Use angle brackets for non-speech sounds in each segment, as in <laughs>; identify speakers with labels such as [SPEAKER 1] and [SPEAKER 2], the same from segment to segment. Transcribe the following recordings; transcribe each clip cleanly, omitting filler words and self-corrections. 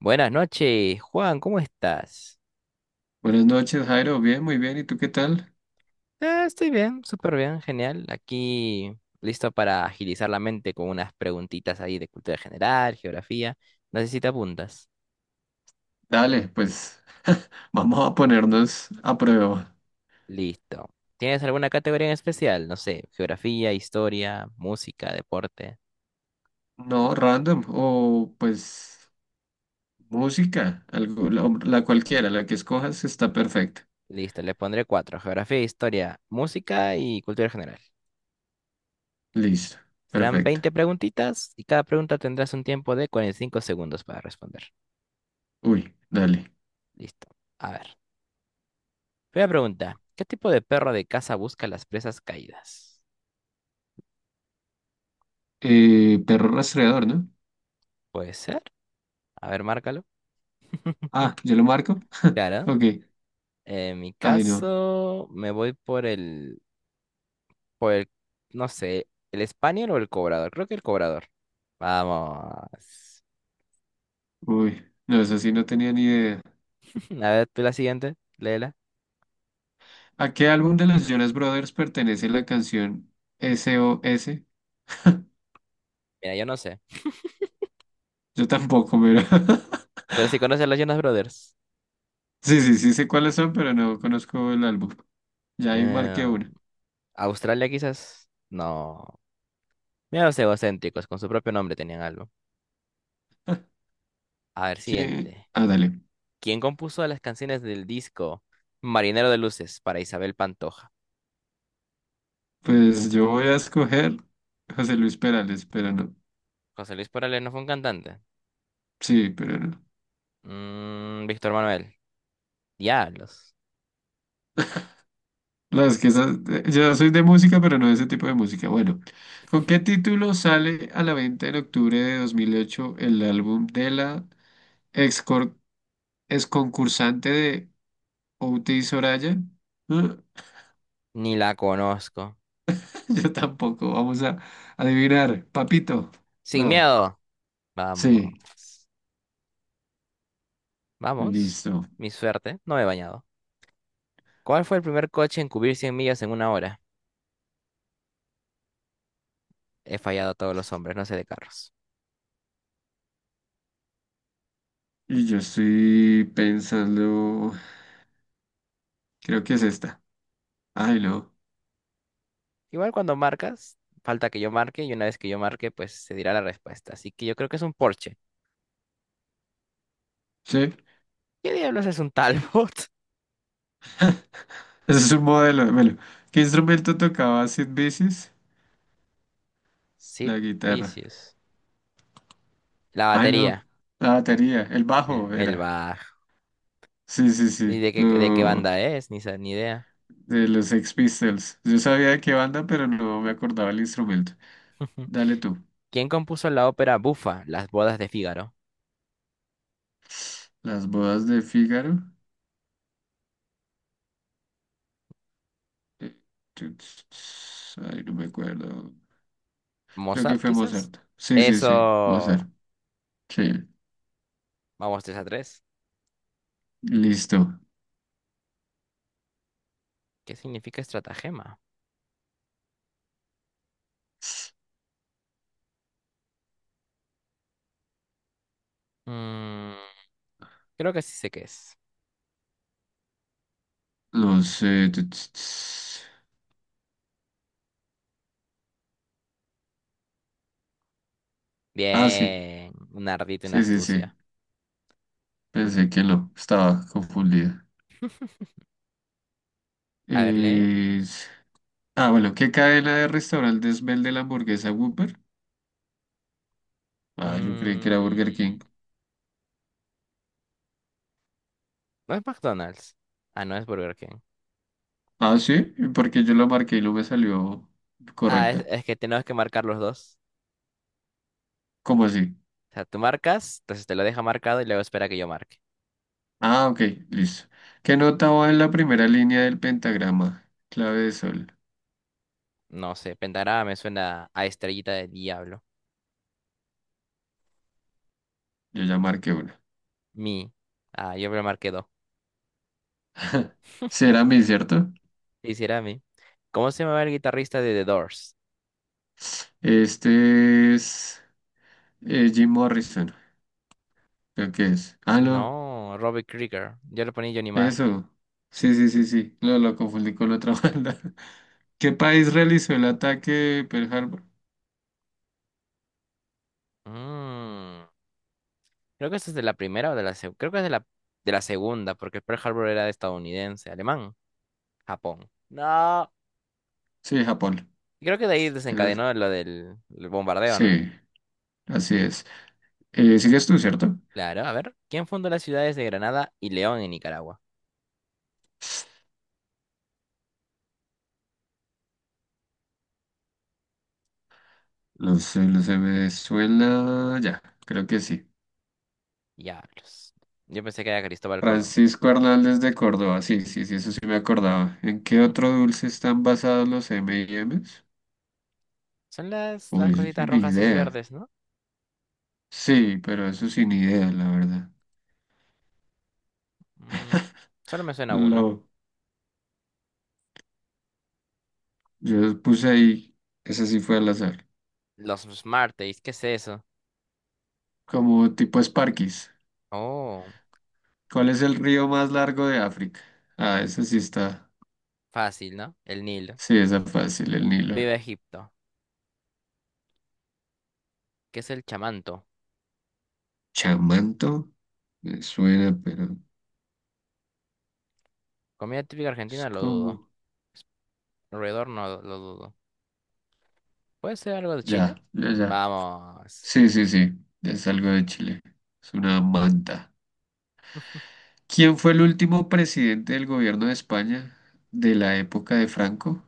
[SPEAKER 1] Buenas noches, Juan, ¿cómo estás?
[SPEAKER 2] Buenas noches, Jairo. Bien, muy bien. ¿Y tú qué tal?
[SPEAKER 1] Estoy bien, súper bien, genial. Aquí listo para agilizar la mente con unas preguntitas ahí de cultura general, geografía. No sé si te apuntas.
[SPEAKER 2] Dale, pues <laughs> vamos a ponernos a prueba.
[SPEAKER 1] Listo. ¿Tienes alguna categoría en especial? No sé, geografía, historia, música, deporte.
[SPEAKER 2] No, random o pues música, algo, la cualquiera, la que escojas está perfecta.
[SPEAKER 1] Listo, le pondré cuatro. Geografía, historia, música y cultura general.
[SPEAKER 2] Listo,
[SPEAKER 1] Serán
[SPEAKER 2] perfecto.
[SPEAKER 1] 20 preguntitas y cada pregunta tendrás un tiempo de cuarenta y cinco segundos para responder.
[SPEAKER 2] Uy, dale.
[SPEAKER 1] Listo. A ver. Primera pregunta, ¿qué tipo de perro de caza busca las presas caídas?
[SPEAKER 2] Perro rastreador, ¿no?
[SPEAKER 1] Puede ser. A ver, márcalo.
[SPEAKER 2] Ah, ¿yo lo marco? <laughs>
[SPEAKER 1] Claro.
[SPEAKER 2] Ok.
[SPEAKER 1] En mi
[SPEAKER 2] Ay, no.
[SPEAKER 1] caso, me voy por el, no sé, el español o el cobrador. Creo que el cobrador. Vamos.
[SPEAKER 2] Uy, no, eso sí no tenía ni idea.
[SPEAKER 1] <laughs> A ver, tú la siguiente, léela.
[SPEAKER 2] ¿A qué álbum de los Jonas Brothers pertenece la canción SOS?
[SPEAKER 1] Mira, yo no sé.
[SPEAKER 2] Yo tampoco, pero... <laughs>
[SPEAKER 1] Pero si conoces a los Jonas Brothers.
[SPEAKER 2] Sí, sí, sí sé cuáles son, pero no conozco el álbum. Ya ahí marqué
[SPEAKER 1] Eh,
[SPEAKER 2] una.
[SPEAKER 1] Australia quizás. No. Mira los egocéntricos, con su propio nombre tenían algo.
[SPEAKER 2] <laughs>
[SPEAKER 1] A ver,
[SPEAKER 2] ¿Quién?
[SPEAKER 1] siguiente.
[SPEAKER 2] Ah, dale.
[SPEAKER 1] ¿Quién compuso las canciones del disco Marinero de Luces para Isabel Pantoja?
[SPEAKER 2] Pues yo voy a escoger José Luis Perales, pero no.
[SPEAKER 1] José Luis Perales no fue un cantante.
[SPEAKER 2] Sí, pero no.
[SPEAKER 1] Víctor Manuel. Diablos.
[SPEAKER 2] No, es que yo soy de música, pero no de ese tipo de música. Bueno, ¿con qué título sale a la venta en octubre de 2008 el álbum de la ex, cor- ex concursante de Outi Soraya? ¿Ah?
[SPEAKER 1] Ni la conozco.
[SPEAKER 2] <laughs> Yo tampoco. Vamos a adivinar. Papito.
[SPEAKER 1] Sin
[SPEAKER 2] No.
[SPEAKER 1] miedo. Vamos.
[SPEAKER 2] Sí,
[SPEAKER 1] Vamos.
[SPEAKER 2] listo.
[SPEAKER 1] Mi suerte. No me he bañado. ¿Cuál fue el primer coche en cubrir 100 millas en una hora? He fallado a todos los hombres, no sé de carros.
[SPEAKER 2] Y yo estoy pensando, creo que es esta. Ay, no.
[SPEAKER 1] Igual cuando marcas, falta que yo marque y una vez que yo marque, pues se dirá la respuesta. Así que yo creo que es un Porsche.
[SPEAKER 2] Sí,
[SPEAKER 1] ¿Qué diablos es un Talbot?
[SPEAKER 2] <laughs> ese es un modelo. De melo ¿Qué instrumento tocaba Sid Vicious?
[SPEAKER 1] <laughs> Sid
[SPEAKER 2] La guitarra.
[SPEAKER 1] Vicious. La
[SPEAKER 2] Ay, no.
[SPEAKER 1] batería,
[SPEAKER 2] La batería, el bajo
[SPEAKER 1] el
[SPEAKER 2] era.
[SPEAKER 1] bajo.
[SPEAKER 2] Sí, sí,
[SPEAKER 1] ¿Y
[SPEAKER 2] sí.
[SPEAKER 1] de qué
[SPEAKER 2] lo
[SPEAKER 1] banda es? Ni, ni idea.
[SPEAKER 2] De los Sex Pistols. Yo sabía de qué banda, pero no me acordaba el instrumento.
[SPEAKER 1] <laughs>
[SPEAKER 2] Dale tú.
[SPEAKER 1] ¿Quién compuso la ópera Bufa, Las bodas de Fígaro?
[SPEAKER 2] Las bodas de Fígaro. Eh, Ay, no me acuerdo. Creo que
[SPEAKER 1] ¿Mozart,
[SPEAKER 2] fue
[SPEAKER 1] quizás?
[SPEAKER 2] Mozart. Sí, sí, sí.
[SPEAKER 1] Eso.
[SPEAKER 2] Mozart. Sí.
[SPEAKER 1] Vamos 3 a tres.
[SPEAKER 2] Listo.
[SPEAKER 1] ¿Qué significa estratagema? Mm, Creo que sí sé qué es.
[SPEAKER 2] Los... tu- ts- ts- Ah, sí.
[SPEAKER 1] Bien. Un ardito, una
[SPEAKER 2] Sí, sí, sí.
[SPEAKER 1] astucia.
[SPEAKER 2] Pensé que no. Estaba confundida.
[SPEAKER 1] A ver, lee.
[SPEAKER 2] Es- Ah, bueno. ¿Qué cadena de restaurantes vende la hamburguesa Whopper? Ah, yo creí que era
[SPEAKER 1] Mm,
[SPEAKER 2] Burger King.
[SPEAKER 1] no es McDonald's. Ah, no es Burger King.
[SPEAKER 2] Ah, sí. Porque yo lo marqué y no me salió
[SPEAKER 1] Ah,
[SPEAKER 2] correcta.
[SPEAKER 1] es que tenemos que marcar los dos.
[SPEAKER 2] ¿Cómo así?
[SPEAKER 1] O sea, tú marcas, entonces te lo deja marcado y luego espera que yo marque.
[SPEAKER 2] Ah, ok. Listo. ¿Qué nota va en la primera línea del pentagrama? Clave de sol.
[SPEAKER 1] No sé, pentagrama me suena a estrellita de diablo.
[SPEAKER 2] Yo ya marqué una.
[SPEAKER 1] Mi. Ah, yo me lo marqué dos.
[SPEAKER 2] Será mi, ¿cierto?
[SPEAKER 1] Quisiera a mí. ¿Cómo se llamaba el guitarrista de The Doors?
[SPEAKER 2] Este es Jim Morrison. Creo que es. Ah, no.
[SPEAKER 1] No, Robbie Krieger. Yo lo ponía Johnny Marr.
[SPEAKER 2] Eso. Sí, sí, sí, sí. Lo confundí con la otra <laughs> banda. ¿Qué país realizó el ataque Pearl Harbor?
[SPEAKER 1] Mm, Creo que esa es de la primera o de la segunda. Creo que es de la segunda, porque Pearl Harbor era estadounidense, alemán, Japón. No.
[SPEAKER 2] Sí, Japón.
[SPEAKER 1] Creo que de ahí
[SPEAKER 2] Eso sí.
[SPEAKER 1] desencadenó lo del el bombardeo, ¿no?
[SPEAKER 2] Sí, así es. ¿Sigues tú, cierto?
[SPEAKER 1] Claro, a ver. ¿Quién fundó las ciudades de Granada y León en Nicaragua?
[SPEAKER 2] Los de Venezuela, ya, creo que sí.
[SPEAKER 1] Diablos. Yo pensé que era Cristóbal Colón.
[SPEAKER 2] Francisco Hernández de Córdoba, sí, sí, sí, eso sí me acordaba. ¿En qué otro dulce están basados los M&M's?
[SPEAKER 1] Son
[SPEAKER 2] Uy,
[SPEAKER 1] las
[SPEAKER 2] eso
[SPEAKER 1] cositas
[SPEAKER 2] sí, ni
[SPEAKER 1] rojas y
[SPEAKER 2] idea.
[SPEAKER 1] verdes, ¿no?
[SPEAKER 2] Sí, pero eso sí, ni idea, la verdad.
[SPEAKER 1] Mm, Solo me suena uno.
[SPEAKER 2] Lo, yo puse ahí, esa sí fue al azar.
[SPEAKER 1] Los smarties, ¿qué es eso?
[SPEAKER 2] Como tipo Sparkies.
[SPEAKER 1] Oh,
[SPEAKER 2] ¿Cuál es el río más largo de África? Ah, esa sí está.
[SPEAKER 1] fácil, ¿no? El Nilo.
[SPEAKER 2] Sí, esa fácil, el Nilo.
[SPEAKER 1] Viva Egipto. ¿Qué es el chamanto?
[SPEAKER 2] Chamanto, me suena, pero
[SPEAKER 1] Comida típica
[SPEAKER 2] es
[SPEAKER 1] argentina, lo dudo.
[SPEAKER 2] como.
[SPEAKER 1] Alrededor no lo dudo. ¿Puede ser algo de Chile?
[SPEAKER 2] Ya, ya, ya.
[SPEAKER 1] Vamos.
[SPEAKER 2] Sí, sí, sí, es algo de Chile. Es una manta. ¿Quién fue el último presidente del gobierno de España de la época de Franco?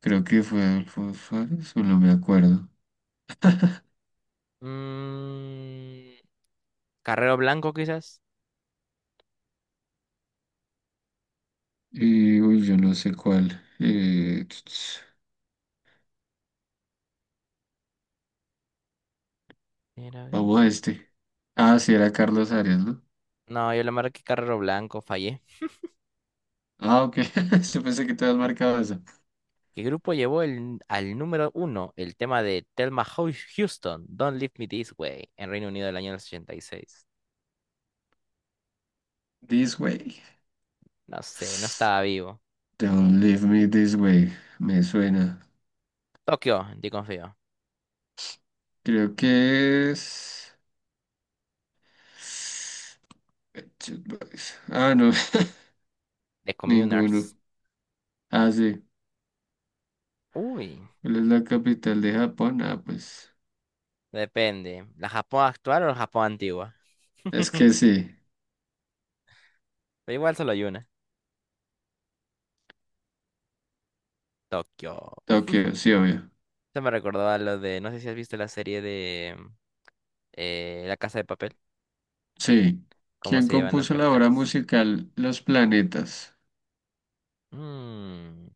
[SPEAKER 2] Creo que fue Adolfo Suárez, o no me acuerdo.
[SPEAKER 1] Mm, Carrero Blanco, quizás.
[SPEAKER 2] Y, uy, yo no sé cuál.
[SPEAKER 1] Era-
[SPEAKER 2] Vamos a este. Ah, sí, era Carlos Arias, ¿no?
[SPEAKER 1] No, yo le marqué Carrero Blanco, fallé.
[SPEAKER 2] Ah, ok. <laughs> Yo pensé que te habías marcado esa.
[SPEAKER 1] ¿Qué grupo llevó al número uno el tema de Thelma Houston, Don't Leave Me This Way, en Reino Unido del año 86?
[SPEAKER 2] This way.
[SPEAKER 1] No sé, no estaba vivo.
[SPEAKER 2] Don't leave me this way. Me suena.
[SPEAKER 1] Tokio, en confío.
[SPEAKER 2] Creo que es. Pet Shop Boys. Ah, no.
[SPEAKER 1] The
[SPEAKER 2] <laughs> Ninguno.
[SPEAKER 1] Communers.
[SPEAKER 2] Ah, sí.
[SPEAKER 1] Uy,
[SPEAKER 2] ¿Cuál es la capital de Japón? Ah, pues.
[SPEAKER 1] depende. ¿La Japón actual o la Japón antigua?
[SPEAKER 2] Es que sí.
[SPEAKER 1] Pero igual solo hay una. Tokio.
[SPEAKER 2] Tokio, sí, obvio.
[SPEAKER 1] Se me recordó a lo de, no sé si has visto la serie de La Casa de Papel,
[SPEAKER 2] Sí.
[SPEAKER 1] cómo
[SPEAKER 2] ¿Quién
[SPEAKER 1] se llevan las
[SPEAKER 2] compuso la obra
[SPEAKER 1] capitales.
[SPEAKER 2] musical Los Planetas?
[SPEAKER 1] Mmm,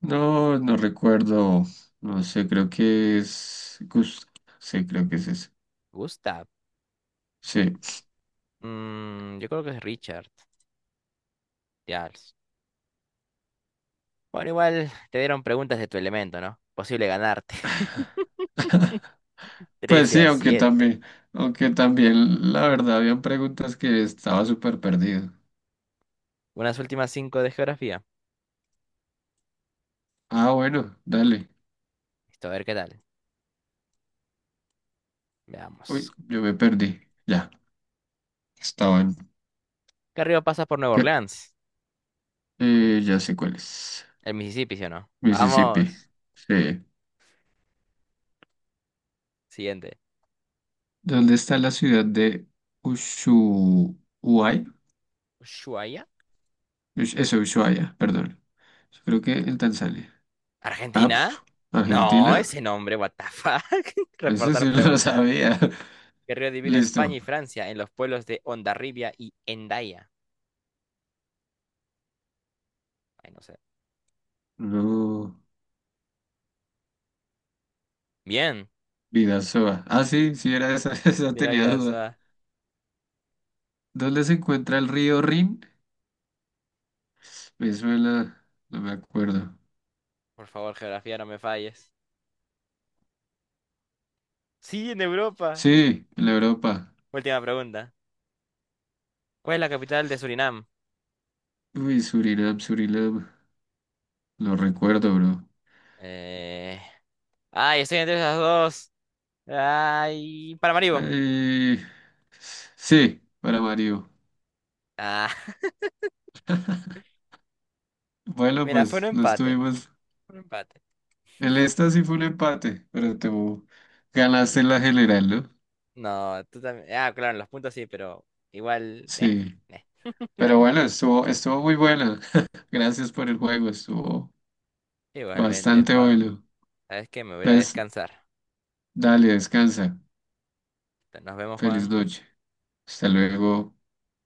[SPEAKER 2] No, no recuerdo. No sé, creo que es Gust. Sí, creo que es ese.
[SPEAKER 1] Gustav.
[SPEAKER 2] Sí.
[SPEAKER 1] Mm, yo creo que es Richard. Ya. Bueno, igual te dieron preguntas de tu elemento, ¿no? Posible ganarte.
[SPEAKER 2] <laughs>
[SPEAKER 1] <laughs>
[SPEAKER 2] Pues
[SPEAKER 1] 13
[SPEAKER 2] sí,
[SPEAKER 1] a
[SPEAKER 2] aunque
[SPEAKER 1] siete.
[SPEAKER 2] también, aunque también, la verdad, habían preguntas que estaba súper perdido.
[SPEAKER 1] Unas últimas 5 de geografía.
[SPEAKER 2] Ah, bueno, dale.
[SPEAKER 1] Listo, a ver qué tal.
[SPEAKER 2] Uy,
[SPEAKER 1] Veamos.
[SPEAKER 2] yo me perdí. Ya, estaban.
[SPEAKER 1] ¿Qué río pasa por Nueva
[SPEAKER 2] ¿Qué?
[SPEAKER 1] Orleans?
[SPEAKER 2] Ya sé cuál es.
[SPEAKER 1] El Mississippi, ¿sí o no?
[SPEAKER 2] Mississippi.
[SPEAKER 1] Vamos.
[SPEAKER 2] Sí.
[SPEAKER 1] Siguiente.
[SPEAKER 2] ¿Dónde está la ciudad de Ushuaia?
[SPEAKER 1] ¿Ushuaia?
[SPEAKER 2] Eso, Ushuaia, perdón. Creo que en Tanzania. Ah,
[SPEAKER 1] ¿Argentina?
[SPEAKER 2] pf,
[SPEAKER 1] No,
[SPEAKER 2] Argentina.
[SPEAKER 1] ese nombre, what the fuck. <laughs>
[SPEAKER 2] Ese
[SPEAKER 1] Reportar
[SPEAKER 2] sí lo
[SPEAKER 1] pregunta.
[SPEAKER 2] sabía.
[SPEAKER 1] ¿Qué río
[SPEAKER 2] <laughs>
[SPEAKER 1] divide
[SPEAKER 2] Listo.
[SPEAKER 1] España y Francia en los pueblos de Hondarribia y Hendaya? Ay, no sé.
[SPEAKER 2] Luego,
[SPEAKER 1] Bien.
[SPEAKER 2] Bidasoa. Ah, sí, sí era esa, <laughs> esa
[SPEAKER 1] De la
[SPEAKER 2] tenía
[SPEAKER 1] vida,
[SPEAKER 2] duda.
[SPEAKER 1] Suá.
[SPEAKER 2] ¿Dónde se encuentra el río Rin? Me suena, no me acuerdo.
[SPEAKER 1] Por favor, geografía, no me falles. Sí, en Europa.
[SPEAKER 2] Sí, en la Europa.
[SPEAKER 1] Última pregunta. ¿Cuál es la capital de Surinam?
[SPEAKER 2] Uy, Surinam, Surinam. Lo recuerdo, bro.
[SPEAKER 1] Eh... Ay, estoy entre esas dos. Ay, Paramaribo.
[SPEAKER 2] Eh, sí, para Mario.
[SPEAKER 1] Ah, <laughs>
[SPEAKER 2] Bueno,
[SPEAKER 1] mira, fue un
[SPEAKER 2] pues lo
[SPEAKER 1] empate.
[SPEAKER 2] estuvimos.
[SPEAKER 1] Fue un empate.
[SPEAKER 2] El esta sí fue un empate, pero te ganaste la general, ¿no?
[SPEAKER 1] No, tú también. Ah, claro, en los puntos sí, pero igual.
[SPEAKER 2] Sí.
[SPEAKER 1] Eh.
[SPEAKER 2] Pero bueno, estuvo muy bueno. <laughs> Gracias por el juego, estuvo
[SPEAKER 1] Igualmente,
[SPEAKER 2] bastante
[SPEAKER 1] Juan.
[SPEAKER 2] bueno.
[SPEAKER 1] ¿Sabes qué? Me voy a ir a
[SPEAKER 2] Entonces,
[SPEAKER 1] descansar.
[SPEAKER 2] dale, descansa.
[SPEAKER 1] Nos vemos,
[SPEAKER 2] Feliz
[SPEAKER 1] Juan.
[SPEAKER 2] noche. Hasta luego.